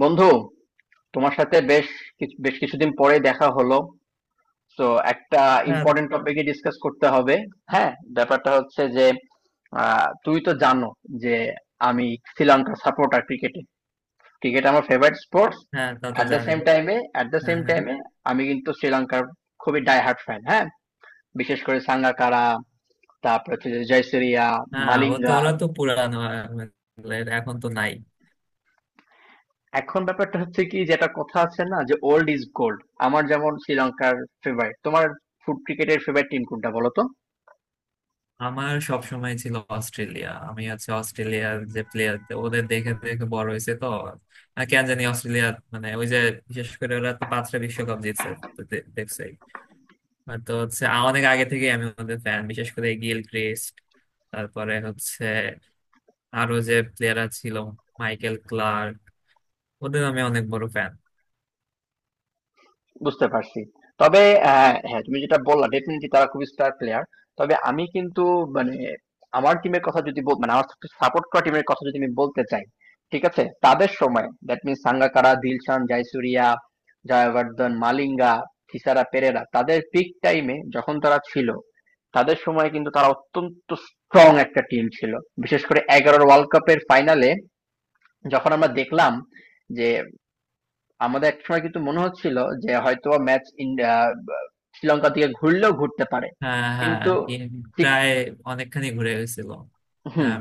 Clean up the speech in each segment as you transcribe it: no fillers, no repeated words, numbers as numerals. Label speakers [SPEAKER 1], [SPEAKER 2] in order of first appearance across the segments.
[SPEAKER 1] বন্ধু, তোমার সাথে বেশ কিছুদিন পরে দেখা হলো। তো একটা
[SPEAKER 2] হ্যাঁ
[SPEAKER 1] ইম্পর্টেন্ট টপিকে ডিসকাস করতে হবে। হ্যাঁ, ব্যাপারটা হচ্ছে যে তুই তো জানো যে আমি শ্রীলঙ্কার সাপোর্টার, ক্রিকেটে। ক্রিকেট আমার ফেভারিট স্পোর্টস।
[SPEAKER 2] হ্যাঁ তা তো
[SPEAKER 1] অ্যাট দ্য
[SPEAKER 2] জানি।
[SPEAKER 1] সেম টাইমে অ্যাট দ্য
[SPEAKER 2] হ্যাঁ
[SPEAKER 1] সেম
[SPEAKER 2] হ্যাঁ
[SPEAKER 1] টাইমে আমি কিন্তু শ্রীলঙ্কার খুবই ডাই হার্ট ফ্যান। হ্যাঁ, বিশেষ করে সাঙ্গাকারা, তারপর হচ্ছে যে জয়সুরিয়া,
[SPEAKER 2] হ্যাঁ, ও তো
[SPEAKER 1] মালিঙ্গা।
[SPEAKER 2] ওরা তো পুরানো, এখন তো নাই।
[SPEAKER 1] এখন ব্যাপারটা হচ্ছে কি, যেটা কথা আছে না যে ওল্ড ইজ গোল্ড। আমার যেমন শ্রীলঙ্কার ফেভারিট, তোমার ফুট ক্রিকেটের ফেভারিট টিম কোনটা বলো তো।
[SPEAKER 2] আমার সব সময় ছিল অস্ট্রেলিয়া। আমি হচ্ছে অস্ট্রেলিয়ার যে প্লেয়ার, ওদের দেখে দেখে বড় হয়েছে তো। আর কেন জানি অস্ট্রেলিয়া মানে ওই যে, বিশেষ করে ওরা তো 5টা বিশ্বকাপ জিতছে, তো দেখছোই। আর তো হচ্ছে অনেক আগে থেকে আমি ওদের ফ্যান, বিশেষ করে গিল ক্রিস্ট, তারপরে হচ্ছে আরো যে প্লেয়াররা ছিল, মাইকেল ক্লার্ক, ওদের আমি অনেক বড় ফ্যান।
[SPEAKER 1] বুঝতে পারছি। তবে অ্যা, হ্যাঁ, তুমি যেটা বললা ডেফিনিটলি তারা খুবই স্টার প্লেয়ার। তবে আমি কিন্তু মানে আমার টিমের কথা যদি বল, মানে আমার সাপোর্ট করা টিমের কথা যদি আমি বলতে চাই, ঠিক আছে? তাদের সময়, দ্যাট মিনস সাঙ্গাকারা, দিলশান, জয়সুরিয়া, জয়বর্ধন, মালিঙ্গা, থিসারা পেরেরা, তাদের পিক টাইম এ যখন তারা ছিল, তাদের সময়ে কিন্তু তারা অত্যন্ত স্ট্রং একটা টিম ছিল। বিশেষ করে ১১ র ওয়ার্ল্ড কাপের ফাইনালে যখন আমরা দেখলাম যে আমাদের একসময় কিন্তু মনে হচ্ছিল যে হয়তোবা ম্যাচ ইন্ডিয়া, শ্রীলঙ্কার দিকে ঘুরলেও ঘুরতে পারে।
[SPEAKER 2] হ্যাঁ হ্যাঁ,
[SPEAKER 1] কিন্তু
[SPEAKER 2] ইন
[SPEAKER 1] ঠিক।
[SPEAKER 2] প্রায় অনেকখানি ঘুরে গেছিল।
[SPEAKER 1] হুম,
[SPEAKER 2] হ্যাঁ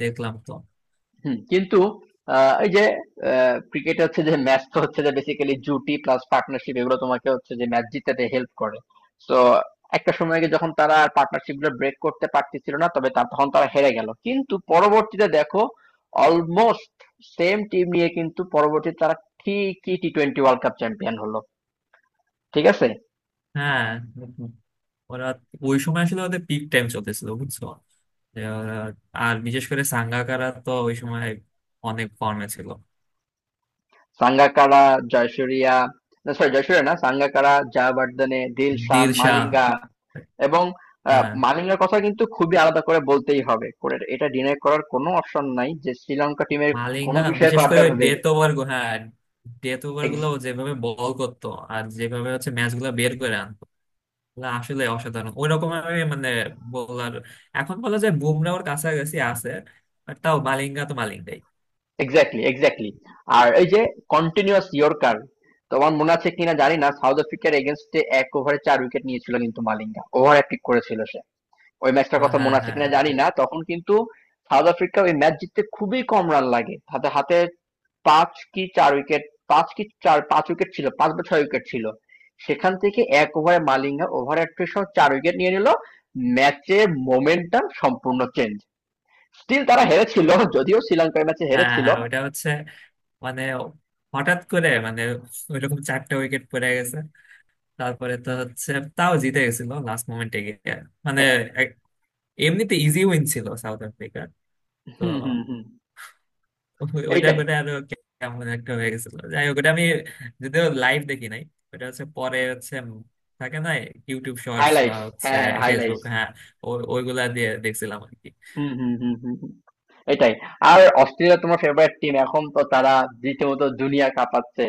[SPEAKER 2] দেখলাম তো।
[SPEAKER 1] হুম, কিন্তু এই যে ক্রিকেট হচ্ছে যে ম্যাচ তো হচ্ছে যে বেসিক্যালি জুটি প্লাস পার্টনারশিপ, এগুলো তোমাকে হচ্ছে যে ম্যাচ জিতাতে হেল্প করে। তো একটা সময় গিয়ে যখন তারা পার্টনারশিপ গুলো ব্রেক করতে পারতেছিল না, তবে তখন তারা হেরে গেল। কিন্তু পরবর্তীতে দেখো অলমোস্ট সেম টিম নিয়ে কিন্তু পরবর্তীতে তারা ঠিকই T twenty world cup champion হলো। ঠিক আছে।
[SPEAKER 2] হ্যাঁ, ওরা ওই সময় আসলে ওদের পিক টাইম চলতেছিল, বুঝছো। আহ, আর বিশেষ করে সাঙ্গাকারা তো ওই সময় অনেক ফর্মে ছিল।
[SPEAKER 1] সাঙ্গাকারা, জয়সূরিয়া, না সরি জয়সূরিয়া না, সাঙ্গাকারা, জয়াবর্ধনে, দিলশান,
[SPEAKER 2] দিলশা,
[SPEAKER 1] মালিঙ্গা এবং
[SPEAKER 2] হ্যাঁ।
[SPEAKER 1] মালিঙ্গার কথা কিন্তু খুবই আলাদা করে বলতেই হবে, করে এটা ডিনাই করার কোনো অপশন নাই যে শ্রীলঙ্কা টিমের কোনো
[SPEAKER 2] মালিঙ্গা
[SPEAKER 1] বিষয়ে
[SPEAKER 2] বিশেষ করে
[SPEAKER 1] আবদার হবে।
[SPEAKER 2] ডেথ ওভার, হ্যাঁ। ডেথ ওভার গুলো ও যেভাবে বল করতো, আর যেভাবে হচ্ছে ম্যাচ গুলো বের করে আনতো, না আসলে অসাধারণ। ওই রকম আমি মানে বলার, এখন বলা যায় বুমরাহর কাছাকাছি আছে, বাট তাও মালিঙ্গা তো মালিঙ্গাই।
[SPEAKER 1] Exactly, exactly. আর এই যে কন্টিনিউয়াস ইয়র্কার, তোমার মনে আছে কিনা জানি না, সাউথ আফ্রিকার এগেনস্টে এক ওভারে চার উইকেট নিয়েছিল কিন্তু মালিঙ্গা, ওভার পিক করেছিল সে। ওই ম্যাচটার
[SPEAKER 2] হ্যাঁ
[SPEAKER 1] কথা মনে আছে
[SPEAKER 2] হ্যাঁ
[SPEAKER 1] কিনা জানি না, তখন কিন্তু সাউথ আফ্রিকা ওই ম্যাচ জিততে খুবই কম রান লাগে, হাতে হাতে পাঁচ কি চার উইকেট, পাঁচ কি চার পাঁচ উইকেট ছিল, পাঁচ বা ছয় উইকেট ছিল। সেখান থেকে এক ওভারে মালিঙ্গা ওভার ৩১ রান, চার উইকেট নিয়ে নিল। ম্যাচের মোমেন্টাম সম্পূর্ণ চেঞ্জ। স্টিল তারা হেরেছিল, যদিও শ্রীলঙ্কার ম্যাচে
[SPEAKER 2] হ্যাঁ
[SPEAKER 1] হেরেছিল।
[SPEAKER 2] হ্যাঁ, ওইটা হচ্ছে মানে, হঠাৎ করে মানে, ওইরকম চারটা উইকেট পড়ে গেছে, তারপরে তো হচ্ছে তাও জিতে গেছিল লাস্ট মোমেন্টে গিয়ে। মানে
[SPEAKER 1] হ্যাঁ,
[SPEAKER 2] এক- এমনিতে ইজি উইন ছিল সাউথ আফ্রিকার। তো
[SPEAKER 1] হুম, হুম, হুম।
[SPEAKER 2] ওইটা
[SPEAKER 1] এইটাই।
[SPEAKER 2] করে আরো কেমন একটা হয়ে গেছিল। যাই হোক, ওটা আমি যদিও লাইভ দেখি নাই, ওটা হচ্ছে পরে হচ্ছে থাকে না, ইউটিউব শর্টস বা
[SPEAKER 1] হাইলাইটস,
[SPEAKER 2] হচ্ছে
[SPEAKER 1] হ্যাঁ, হ্যাঁ,
[SPEAKER 2] ফেসবুক,
[SPEAKER 1] হাইলাইটস।
[SPEAKER 2] হ্যাঁ, ওইগুলা দিয়ে দেখছিলাম আর কি।
[SPEAKER 1] হুম, হুম, হুম, হুম, হুম। এটাই। আর অস্ট্রেলিয়া তোমার ফেভারিট টিম, এখন তো তারা রীতিমতো দুনিয়া কাঁপাচ্ছে।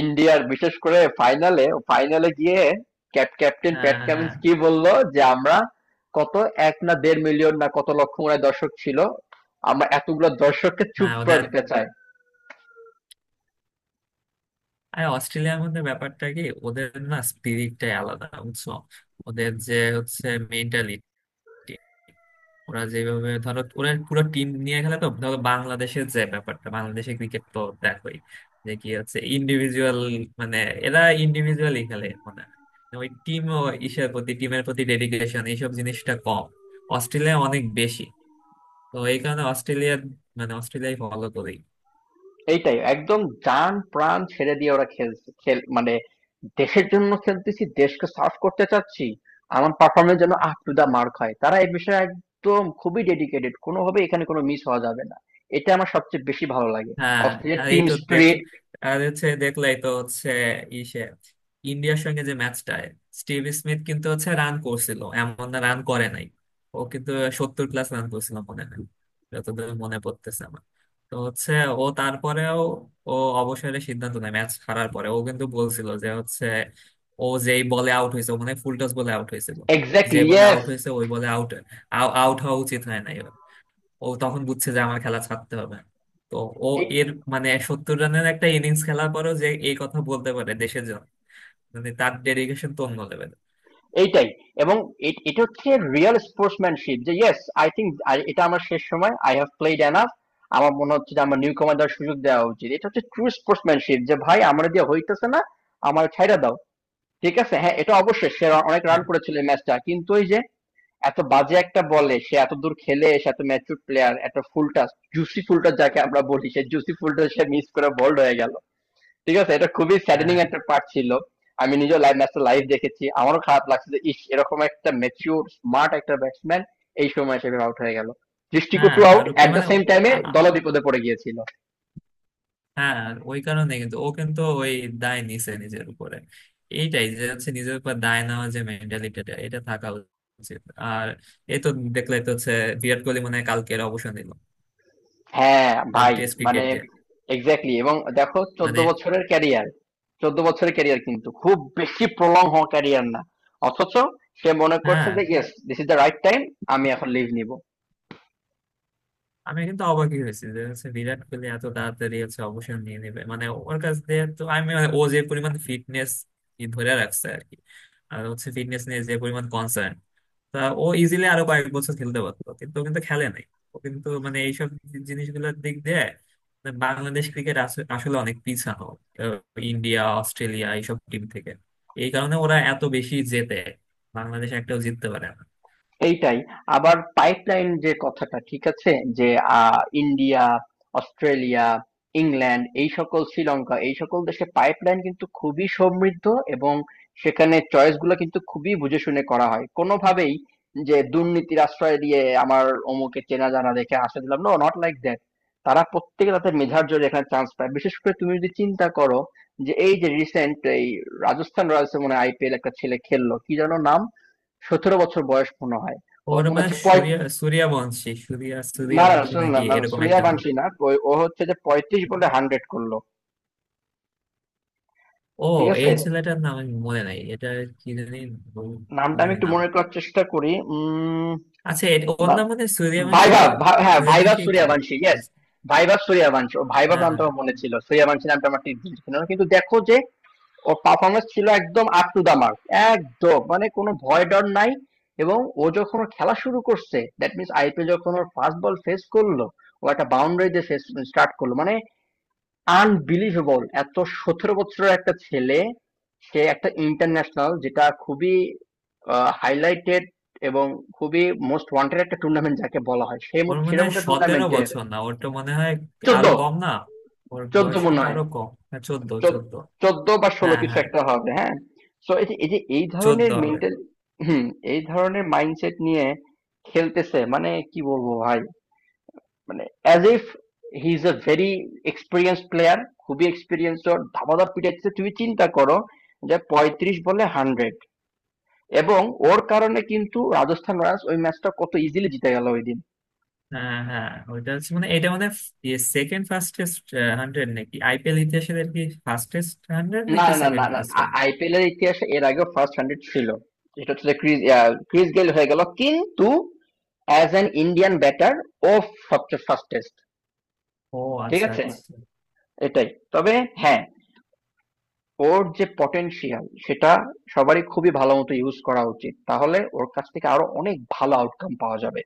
[SPEAKER 1] ইন্ডিয়ার, বিশেষ করে ফাইনালে, ফাইনালে গিয়ে ক্যাপ্টেন
[SPEAKER 2] হ্যাঁ
[SPEAKER 1] প্যাট
[SPEAKER 2] হ্যাঁ
[SPEAKER 1] কামিন্স কি বললো যে আমরা কত, এক না দেড় মিলিয়ন না কত লক্ষ মনে হয় দর্শক ছিল, আমরা এতগুলো দর্শককে চুপ
[SPEAKER 2] হ্যাঁ,
[SPEAKER 1] করে
[SPEAKER 2] ওদের
[SPEAKER 1] দিতে চাই।
[SPEAKER 2] আর অস্ট্রেলিয়ার মধ্যে ব্যাপারটা কি, ওদের না স্পিরিটটাই আলাদা, বুঝছো। ওদের যে হচ্ছে মেন্টালিটি, ওরা যেভাবে, ধরো ওরা পুরো টিম নিয়ে খেলে, তো ধরো বাংলাদেশের যে ব্যাপারটা, বাংলাদেশে ক্রিকেট তো দেখোই, যে কি হচ্ছে ইন্ডিভিজুয়াল মানে এরা ইন্ডিভিজুয়ালি খেলে মানে ওই টিম ও ইসের প্রতি, টিমের প্রতি ডেডিকেশন এইসব জিনিসটা কম, অস্ট্রেলিয়া অনেক বেশি। তো এই কারণে অস্ট্রেলিয়া মানে অস্ট্রেলিয়ায় ফলো করি।
[SPEAKER 1] এইটাই একদম, জান প্রাণ ছেড়ে দিয়ে ওরা খেল, খেল মানে দেশের জন্য খেলতেছি, দেশকে সার্ভ করতে চাচ্ছি, আমার পারফরম্যান্স যেন আপ টু দ্য মার্ক হয়। তারা এই বিষয়ে একদম খুবই ডেডিকেটেড। কোনোভাবেই এখানে কোনো মিস হওয়া যাবে না। এটা আমার সবচেয়ে বেশি ভালো লাগে।
[SPEAKER 2] হ্যাঁ
[SPEAKER 1] অস্ট্রেলিয়ার
[SPEAKER 2] হ্যাঁ, এই
[SPEAKER 1] টিম
[SPEAKER 2] তো দেখ,
[SPEAKER 1] স্পিরিট,
[SPEAKER 2] আর হচ্ছে দেখলাই তো হচ্ছে ইসে, ইন্ডিয়ার সঙ্গে যে ম্যাচটায় স্টিভ স্মিথ কিন্তু হচ্ছে রান করছিল, এমন না রান করে নাই। ও কিন্তু 70 প্লাস রান করছিল মনে হয়, যতদূর মনে পড়তেছে আমার। তো হচ্ছে ও তারপরেও ও অবসরের সিদ্ধান্ত নেয় ম্যাচ হারার পরে। ও কিন্তু বলছিল যে হচ্ছে, ও যেই বলে আউট হয়েছে, ও মানে ফুল টস বলে আউট হয়েছিল, যে
[SPEAKER 1] এক্স্যাক্টলি,
[SPEAKER 2] বলে
[SPEAKER 1] ইয়েস।
[SPEAKER 2] আউট হয়েছে ওই বলে আউট আউট হওয়া উচিত হয় না, ও তখন বুঝছে যে আমার খেলা ছাড়তে হবে। তো ও এর মানে 70 রানের একটা ইনিংস খেলার পরেও যে এই কথা বলতে পারে দেশের জন্য, মানে তার ডেডিকেশন তো অন্য লেভেলের।
[SPEAKER 1] এইটাই এবং এটা হচ্ছে রিয়েল স্পোর্টসম্যানশিপ যে ইয়েস, আই থিঙ্ক এটা আমার শেষ সময়, আই হ্যাভ প্লেড এনাফ। আমার মনে হচ্ছে যে আমার নিউ কমান্ডার সুযোগ দেওয়া উচিত। এটা হচ্ছে ট্রু স্পোর্টসম্যানশিপ যে ভাই আমার দিয়ে হইতেছে না, আমার ছাইড়া দাও। ঠিক আছে, হ্যাঁ, এটা অবশ্যই সে অনেক রান
[SPEAKER 2] হ্যাঁ
[SPEAKER 1] করেছিল এই ম্যাচটা, কিন্তু ওই যে এত বাজে একটা বলে সে এত দূর খেলে এসে, এত ম্যাচুর প্লেয়ার, এত ফুলটা, জুসি ফুলটা যাকে আমরা বলি, সে জুসি ফুলটা সে মিস করে বোল্ড হয়ে গেল। ঠিক আছে, এটা খুবই স্যাডেনিং
[SPEAKER 2] হ্যাঁ
[SPEAKER 1] একটা পার্ট ছিল। আমি নিজেও লাইভ ম্যাচটা লাইভ দেখেছি, আমারও খারাপ লাগছে যে ইস, এরকম একটা ম্যাচিউর স্মার্ট একটা ব্যাটসম্যান এই সময় হিসেবে আউট হয়ে গেল,
[SPEAKER 2] হ্যাঁ,
[SPEAKER 1] দৃষ্টিকটু আউট।
[SPEAKER 2] তার উপর
[SPEAKER 1] এট দ্য
[SPEAKER 2] মানে
[SPEAKER 1] সেম টাইমে
[SPEAKER 2] আ- আ-
[SPEAKER 1] দল বিপদে পড়ে গিয়েছিল।
[SPEAKER 2] হ্যাঁ, ওই কারণে কিন্তু ও কিন্তু ওই দায় নিছে নিজের উপরে। এইটাই যে হচ্ছে নিজের উপর দায় নেওয়া, যে মেন্টালিটিটা এটা থাকা উচিত। আর এই তো দেখলে তো হচ্ছে, বিরাট কোহলি মনে হয় কালকের অবসর নিল
[SPEAKER 1] হ্যাঁ ভাই,
[SPEAKER 2] টেস্ট
[SPEAKER 1] মানে
[SPEAKER 2] ক্রিকেট দিয়ে।
[SPEAKER 1] এক্স্যাক্টলি। এবং দেখো, ১৪
[SPEAKER 2] মানে,
[SPEAKER 1] বছরের ক্যারিয়ার, ১৪ বছরের ক্যারিয়ার, কিন্তু খুব বেশি প্রলং হওয়া ক্যারিয়ার না। অথচ সে মনে করছে
[SPEAKER 2] হ্যাঁ।
[SPEAKER 1] যে yes, this is the right time, আমি এখন লিভ নিব।
[SPEAKER 2] আমি কিন্তু অবাকই হয়েছি যে হচ্ছে বিরাট কোহলি এত তাড়াতাড়ি হচ্ছে অবসর নিয়ে নেবে, মানে ওর কাছ দিয়ে তো আমি মানে, ও যে পরিমাণ ফিটনেস ধরে রাখছে আর কি, আর হচ্ছে ফিটনেস নিয়ে যে পরিমাণ কনসার্ন, তা ও ইজিলি আরো কয়েক বছর খেলতে পারতো, কিন্তু ও কিন্তু খেলে নাই। ও কিন্তু মানে এইসব জিনিসগুলোর দিক দিয়ে মানে বাংলাদেশ ক্রিকেট আসলে অনেক পিছানো, আহ, ইন্ডিয়া অস্ট্রেলিয়া এইসব টিম থেকে। এই কারণে ওরা এত বেশি জেতে, বাংলাদেশ একটাও জিততে পারে না।
[SPEAKER 1] এইটাই। আবার পাইপলাইন যে কথাটা, ঠিক আছে? যে আ, ইন্ডিয়া, অস্ট্রেলিয়া, ইংল্যান্ড, এই সকল, শ্রীলঙ্কা, এই সকল দেশে পাইপলাইন কিন্তু খুবই সমৃদ্ধ এবং সেখানে চয়েস গুলা কিন্তু খুবই বুঝে শুনে করা হয়। কোনোভাবেই যে দুর্নীতির আশ্রয় দিয়ে আমার অমুকে চেনা জানা দেখে আশ্রয় দিলাম, নো নট লাইক দ্যাট। তারা প্রত্যেকে তাদের মেধার জোরে এখানে চান্স পায়। বিশেষ করে তুমি যদি চিন্তা করো যে এই যে রিসেন্ট এই রাজস্থান রয়্যালস এ মনে হয় আইপিএল একটা ছেলে খেললো, কি যেন নাম? ১৭ বছর বয়স মনে হয়। ও
[SPEAKER 2] ওর
[SPEAKER 1] মনে
[SPEAKER 2] মানে,
[SPEAKER 1] হচ্ছে
[SPEAKER 2] সূর্যা
[SPEAKER 1] না না,
[SPEAKER 2] সূর্যবংশী
[SPEAKER 1] শুনুন, না
[SPEAKER 2] নাকি
[SPEAKER 1] না
[SPEAKER 2] এরকম
[SPEAKER 1] সুরিয়া
[SPEAKER 2] একটা নাম।
[SPEAKER 1] বানশি না, ও হচ্ছে যে ৩৫ বলে হান্ড্রেড করলো।
[SPEAKER 2] ও,
[SPEAKER 1] ঠিক আছে।
[SPEAKER 2] এই ছেলেটার নাম আমি মনে নাই, এটা কি জানি। বল- কি
[SPEAKER 1] নামটা আমি
[SPEAKER 2] জানি
[SPEAKER 1] একটু
[SPEAKER 2] নাম।
[SPEAKER 1] মনে করার চেষ্টা করি, উম,
[SPEAKER 2] আচ্ছা ওর
[SPEAKER 1] বা-
[SPEAKER 2] নাম মানে সূর্যবংশী না?
[SPEAKER 1] হ্যাঁ, ভাইভাব
[SPEAKER 2] সূর্যবংশী কি
[SPEAKER 1] সুরিয়া বানশি, ইয়েস।
[SPEAKER 2] করেছে?
[SPEAKER 1] ভাইভাব সুরিয়া বানশি, ও, ভাইভাব
[SPEAKER 2] হ্যাঁ
[SPEAKER 1] নামটা
[SPEAKER 2] হ্যাঁ,
[SPEAKER 1] আমার মনে ছিল, সুরিয়া বানশি নামটা আমার ঠিক ছিল না। কিন্তু দেখো যে ওর পারফরমেন্স ছিল একদম আপ টু দা মার্ক, একদম মানে কোনো ভয় ডর নাই। এবং ও যখন ওর খেলা শুরু করছে, দ্যাট মিনস আইপিএল যখন ওর ফার্স্ট বল ফেস করলো, ও একটা বাউন্ডারি দিয়ে ফেস স্টার্ট করলো, মানে আনবিলিভেবল। এত, ১৭ বছরের একটা ছেলে, সে একটা ইন্টারন্যাশনাল যেটা খুবই হাইলাইটেড এবং খুবই মোস্ট ওয়ান্টেড একটা টুর্নামেন্ট যাকে বলা হয়, সেই
[SPEAKER 2] ওর মনে
[SPEAKER 1] সেরকম
[SPEAKER 2] হয়
[SPEAKER 1] একটা
[SPEAKER 2] 17
[SPEAKER 1] টুর্নামেন্টের।
[SPEAKER 2] বছর না, ওর তো মনে হয়
[SPEAKER 1] চোদ্দ,
[SPEAKER 2] আরো কম না? ওর
[SPEAKER 1] চোদ্দ
[SPEAKER 2] বয়স
[SPEAKER 1] মনে
[SPEAKER 2] কিন্তু
[SPEAKER 1] হয়,
[SPEAKER 2] আরো কম, হ্যাঁ চোদ্দ
[SPEAKER 1] চোদ্দ-
[SPEAKER 2] চোদ্দ
[SPEAKER 1] চোদ্দ বা ষোলো
[SPEAKER 2] হ্যাঁ
[SPEAKER 1] কিছু
[SPEAKER 2] হ্যাঁ,
[SPEAKER 1] একটা হবে, হ্যাঁ। তো এই যে এই যে এই
[SPEAKER 2] 14
[SPEAKER 1] ধরনের
[SPEAKER 2] হবে।
[SPEAKER 1] মেন্টাল, হুম, এই ধরনের মাইন্ডসেট নিয়ে খেলতেছে, মানে কি বলবো ভাই, মানে as if he is a very experience player, খুবই এক্সপিরিয়েন্স। ওর ধামাধাপ পিটাচ্ছে, তুমি চিন্তা করো যে ৩৫ বলে হান্ড্রেড এবং ওর কারণে কিন্তু রাজস্থান রয়্যালস ওই ম্যাচটা কত ইজিলি জিতে গেল ওই দিন।
[SPEAKER 2] হ্যাঁ হ্যাঁ, ওইটা হচ্ছে মানে, এটা মানে সেকেন্ড ফাস্টেস্ট হান্ড্রেড নাকি আইপিএল ইতিহাসের আর কি, ফাস্টেস্ট হান্ড্রেড
[SPEAKER 1] না
[SPEAKER 2] নাকি
[SPEAKER 1] না না
[SPEAKER 2] সেকেন্ড
[SPEAKER 1] না,
[SPEAKER 2] ফাস্টেস্ট।
[SPEAKER 1] আইপিএল এর ইতিহাসে এর আগেও ফার্স্ট হান্ড্রেড ছিল, এটা হচ্ছে ক্রিস, ক্রিস গেল হয়ে গেল, কিন্তু অ্যাজ অ্যান ইন্ডিয়ান ব্যাটার ও সবচেয়ে ফাস্টেস্ট।
[SPEAKER 2] ও
[SPEAKER 1] ঠিক
[SPEAKER 2] আচ্ছা
[SPEAKER 1] আছে,
[SPEAKER 2] আচ্ছা।
[SPEAKER 1] এটাই। তবে হ্যাঁ, ওর যে পটেনশিয়াল সেটা সবারই খুবই ভালো মতো ইউজ করা উচিত, তাহলে ওর কাছ থেকে আরো অনেক ভালো আউটকাম পাওয়া যাবে।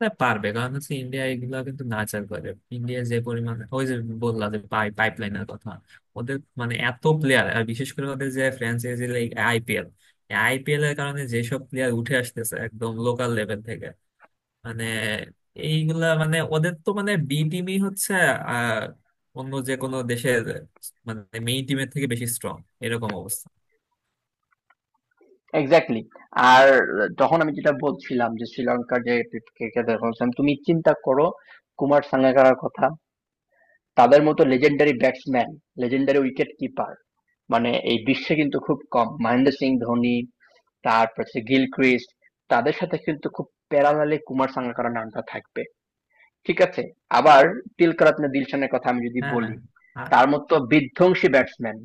[SPEAKER 2] তা পারবে, কারণ হচ্ছে ইন্ডিয়া এগুলা কিন্তু নাচার করে। ইন্ডিয়া যে পরিমাণ ওই যে বললা যে পাইপলাইনের কথা, ওদের মানে এত প্লেয়ার, আর বিশেষ করে ওদের যে ফ্র্যাঞ্চাইজি লাইক আইপিএল, আইপিএল এর কারণে যেসব প্লেয়ার উঠে আসতেছে একদম লোকাল লেভেল থেকে, মানে এইগুলা মানে ওদের তো মানে বি টিমই হচ্ছে আহ, অন্য যে কোনো দেশের মানে মেইন টিমের থেকে বেশি স্ট্রং এরকম অবস্থা।
[SPEAKER 1] এক্স্যাক্টলি। আর যখন আমি যেটা বলছিলাম যে শ্রীলঙ্কার যে ক্রিকেটার বলছিলাম, তুমি চিন্তা করো কুমার সাঙ্গাকারার কথা, তাদের মতো legendary batsman, legendary wicket keeper, মানে এই বিশ্বে কিন্তু খুব কম। মহেন্দ্র সিং ধোনি, তারপর হচ্ছে গিলক্রিস্ট, তাদের সাথে কিন্তু খুব প্যারালালে কুমার সাঙ্গাকারার নামটা থাকবে, ঠিক আছে? আবার তিলকরত্নে দিলশানের কথা আমি যদি
[SPEAKER 2] হ্যাঁ,
[SPEAKER 1] বলি, তার মতো বিধ্বংসী ব্যাটসম্যান,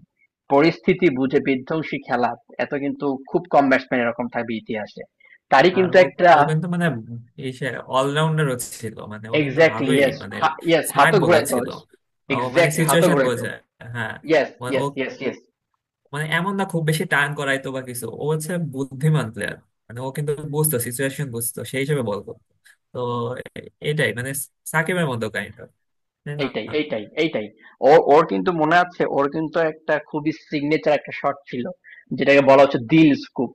[SPEAKER 1] পরিস্থিতি বুঝে বিধ্বংসী খেলা, এত, কিন্তু খুব কম ব্যাটসম্যান এরকম থাকবে ইতিহাসে। তারই
[SPEAKER 2] আর
[SPEAKER 1] কিন্তু
[SPEAKER 2] ও,
[SPEAKER 1] একটা
[SPEAKER 2] ও কিন্তু মানে এই সে অলরাউন্ডারও ছিল, মানে ও কিন্তু
[SPEAKER 1] এক্সাক্টলি,
[SPEAKER 2] ভালোই
[SPEAKER 1] ইয়েস,
[SPEAKER 2] মানে
[SPEAKER 1] ইয়েস,
[SPEAKER 2] স্মার্ট
[SPEAKER 1] হাতও
[SPEAKER 2] বোলার
[SPEAKER 1] ঘুরাইতে
[SPEAKER 2] ছিল,
[SPEAKER 1] হবে।
[SPEAKER 2] ও মানে
[SPEAKER 1] এক্সাক্টলি, হাতও
[SPEAKER 2] সিচুয়েশন
[SPEAKER 1] ঘুরাইতে
[SPEAKER 2] বোঝে।
[SPEAKER 1] হবে।
[SPEAKER 2] হ্যাঁ,
[SPEAKER 1] ইয়েস,
[SPEAKER 2] মানে ও
[SPEAKER 1] ইয়েস, ইয়েস, ইয়েস।
[SPEAKER 2] মানে এমন না খুব বেশি টার্ন করাইতো বা কিছু, ও হচ্ছে বুদ্ধিমান প্লেয়ার, মানে ও কিন্তু বুঝতো সিচুয়েশন, বুঝতো সেই হিসেবে বল করতো। তো এটাই মানে সাকিবের মতো কাইন্ড অফ, তাই না।
[SPEAKER 1] এইটাই, এইটাই, এইটাই। ও, ওর কিন্তু মনে আছে, ওর কিন্তু একটা খুবই সিগনেচার একটা শট ছিল যেটাকে বলা হচ্ছে দিল স্কুপ।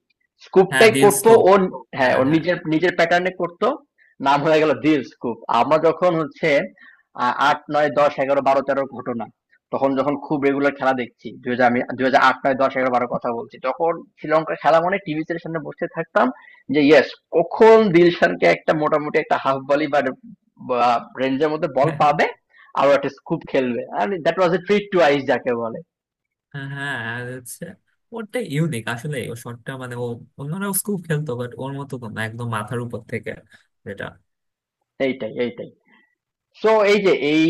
[SPEAKER 2] হ্যাঁ
[SPEAKER 1] স্কুপটাই
[SPEAKER 2] দিল
[SPEAKER 1] করতো
[SPEAKER 2] স্কোপ।
[SPEAKER 1] ওর, হ্যাঁ,
[SPEAKER 2] হ্যাঁ
[SPEAKER 1] ওর নিজের নিজের প্যাটার্নে করতো, নাম হয়ে গেল দিল স্কুপ। আমরা যখন হচ্ছে আট, নয়, দশ, এগারো, বারো, তেরোর ঘটনা, তখন যখন খুব রেগুলার খেলা দেখছি, দুই হাজার, আমি দুই হাজার আট, নয়, দশ, এগারো, বারো কথা বলছি, তখন শ্রীলঙ্কার খেলা মানে টিভি এর সামনে বসে থাকতাম যে ইয়েস, কখন দিলশানকে একটা মোটামুটি একটা হাফ ভলি বা বা রেঞ্জের মধ্যে বল
[SPEAKER 2] হ্যাঁ
[SPEAKER 1] পাবে, আরো একটা স্কুপ খেলবে, আর that was a treat to eyes যাকে বলে।
[SPEAKER 2] হ্যাঁ হ্যাঁ, আর হচ্ছে ওরটা ইউনিক আসলে, ও শটটা মানে ও, অন্যরাও খুব খেলতো বাট ওর মতো তো না, একদম মাথার উপর থেকে যেটা।
[SPEAKER 1] এইটাই, এইটাই। সো এই যে এই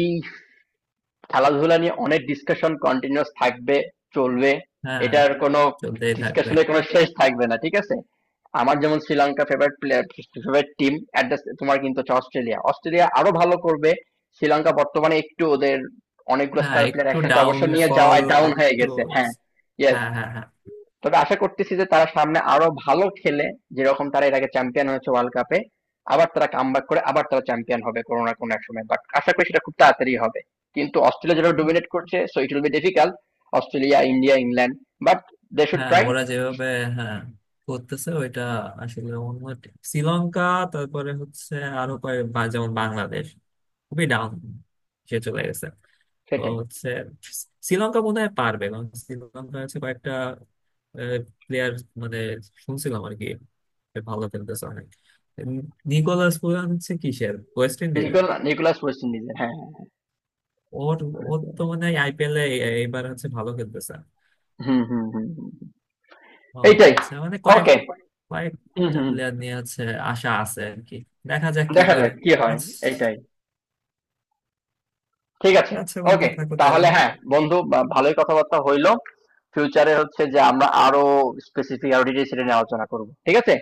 [SPEAKER 1] খেলাধুলা নিয়ে অনেক ডিসকাশন কন্টিনিউয়াস থাকবে, চলবে,
[SPEAKER 2] হ্যাঁ
[SPEAKER 1] এটার কোনো
[SPEAKER 2] চলতেই থাকবে।
[SPEAKER 1] ডিসকাশনের কোনো শেষ থাকবে না, ঠিক আছে। আমার যেমন Sri Lanka favourite player, favourite team, অ্যাট, তোমার কিন্তু হচ্ছে অস্ট্রেলিয়া, অস্ট্রেলিয়া আরো ভালো করবে। শ্রীলঙ্কা বর্তমানে একটু ওদের অনেকগুলো
[SPEAKER 2] হ্যাঁ
[SPEAKER 1] স্টার প্লেয়ার
[SPEAKER 2] একটু
[SPEAKER 1] একসাথে অবসর নিয়ে
[SPEAKER 2] ডাউনফল,
[SPEAKER 1] যাওয়ায় ডাউন হয়ে
[SPEAKER 2] একটু।
[SPEAKER 1] গেছে, হ্যাঁ, ইয়েস।
[SPEAKER 2] হ্যাঁ হ্যাঁ হ্যাঁ
[SPEAKER 1] তবে আশা করতেছি যে তারা সামনে আরো ভালো খেলে, যেরকম তারা এর আগে চ্যাম্পিয়ন হয়েছে ওয়ার্ল্ড কাপে, আবার তারা কামব্যাক করে আবার তারা চ্যাম্পিয়ন হবে কোনো না কোনো এক সময়, বাট আশা করি সেটা খুব তাড়াতাড়ি হবে। কিন্তু অস্ট্রেলিয়া যেটা ডোমিনেট করছে, so it will be difficult. Australia, India, England, but they should
[SPEAKER 2] হ্যাঁ,
[SPEAKER 1] ট্রাই।
[SPEAKER 2] ওরা যেভাবে, হ্যাঁ করতেছে ওইটা, আসলে অন্য শ্রীলঙ্কা, তারপরে হচ্ছে আরো কয়েক যেমন বাংলাদেশ খুবই ডাউন, সে চলে গেছে, তো
[SPEAKER 1] সেটাই।
[SPEAKER 2] হচ্ছে শ্রীলঙ্কা বোধহয় পারবে, কারণ শ্রীলঙ্কা হচ্ছে কয়েকটা প্লেয়ার মানে শুনছিলাম আর কি, সে ভালো খেলতেছে অনেক, উম, নিকোলাস পুরান হচ্ছে কিসের, ওয়েস্ট ইন্ডিজের।
[SPEAKER 1] নিকোলাস ওয়েস্ট ইন্ডিজের, হ্যাঁ, হ্যাঁ।
[SPEAKER 2] ওর, ওর তো মানে আইপিএল এ এবার হচ্ছে ভালো খেলতেছে।
[SPEAKER 1] হুম, হুম, হুম, হুম।
[SPEAKER 2] ও
[SPEAKER 1] এইটাই।
[SPEAKER 2] আচ্ছা, মানে কয়েক,
[SPEAKER 1] ওকে। হুম,
[SPEAKER 2] কয়েকটা
[SPEAKER 1] হুম।
[SPEAKER 2] প্লেয়ার নিয়ে হচ্ছে আশা আছে আর কি, দেখা যাক কি
[SPEAKER 1] দেখা
[SPEAKER 2] করে।
[SPEAKER 1] যাক কি হয়।
[SPEAKER 2] আচ্ছা,
[SPEAKER 1] এইটাই, ঠিক আছে।
[SPEAKER 2] আচ্ছা বন্ধু
[SPEAKER 1] ওকে,
[SPEAKER 2] থাকো তাহলে।
[SPEAKER 1] তাহলে হ্যাঁ বন্ধু, ভালোই কথাবার্তা হইলো। ফিউচারে হচ্ছে যে আমরা আরো স্পেসিফিক, আরো ডিটেইলস এটা নিয়ে আলোচনা করব, ঠিক আছে।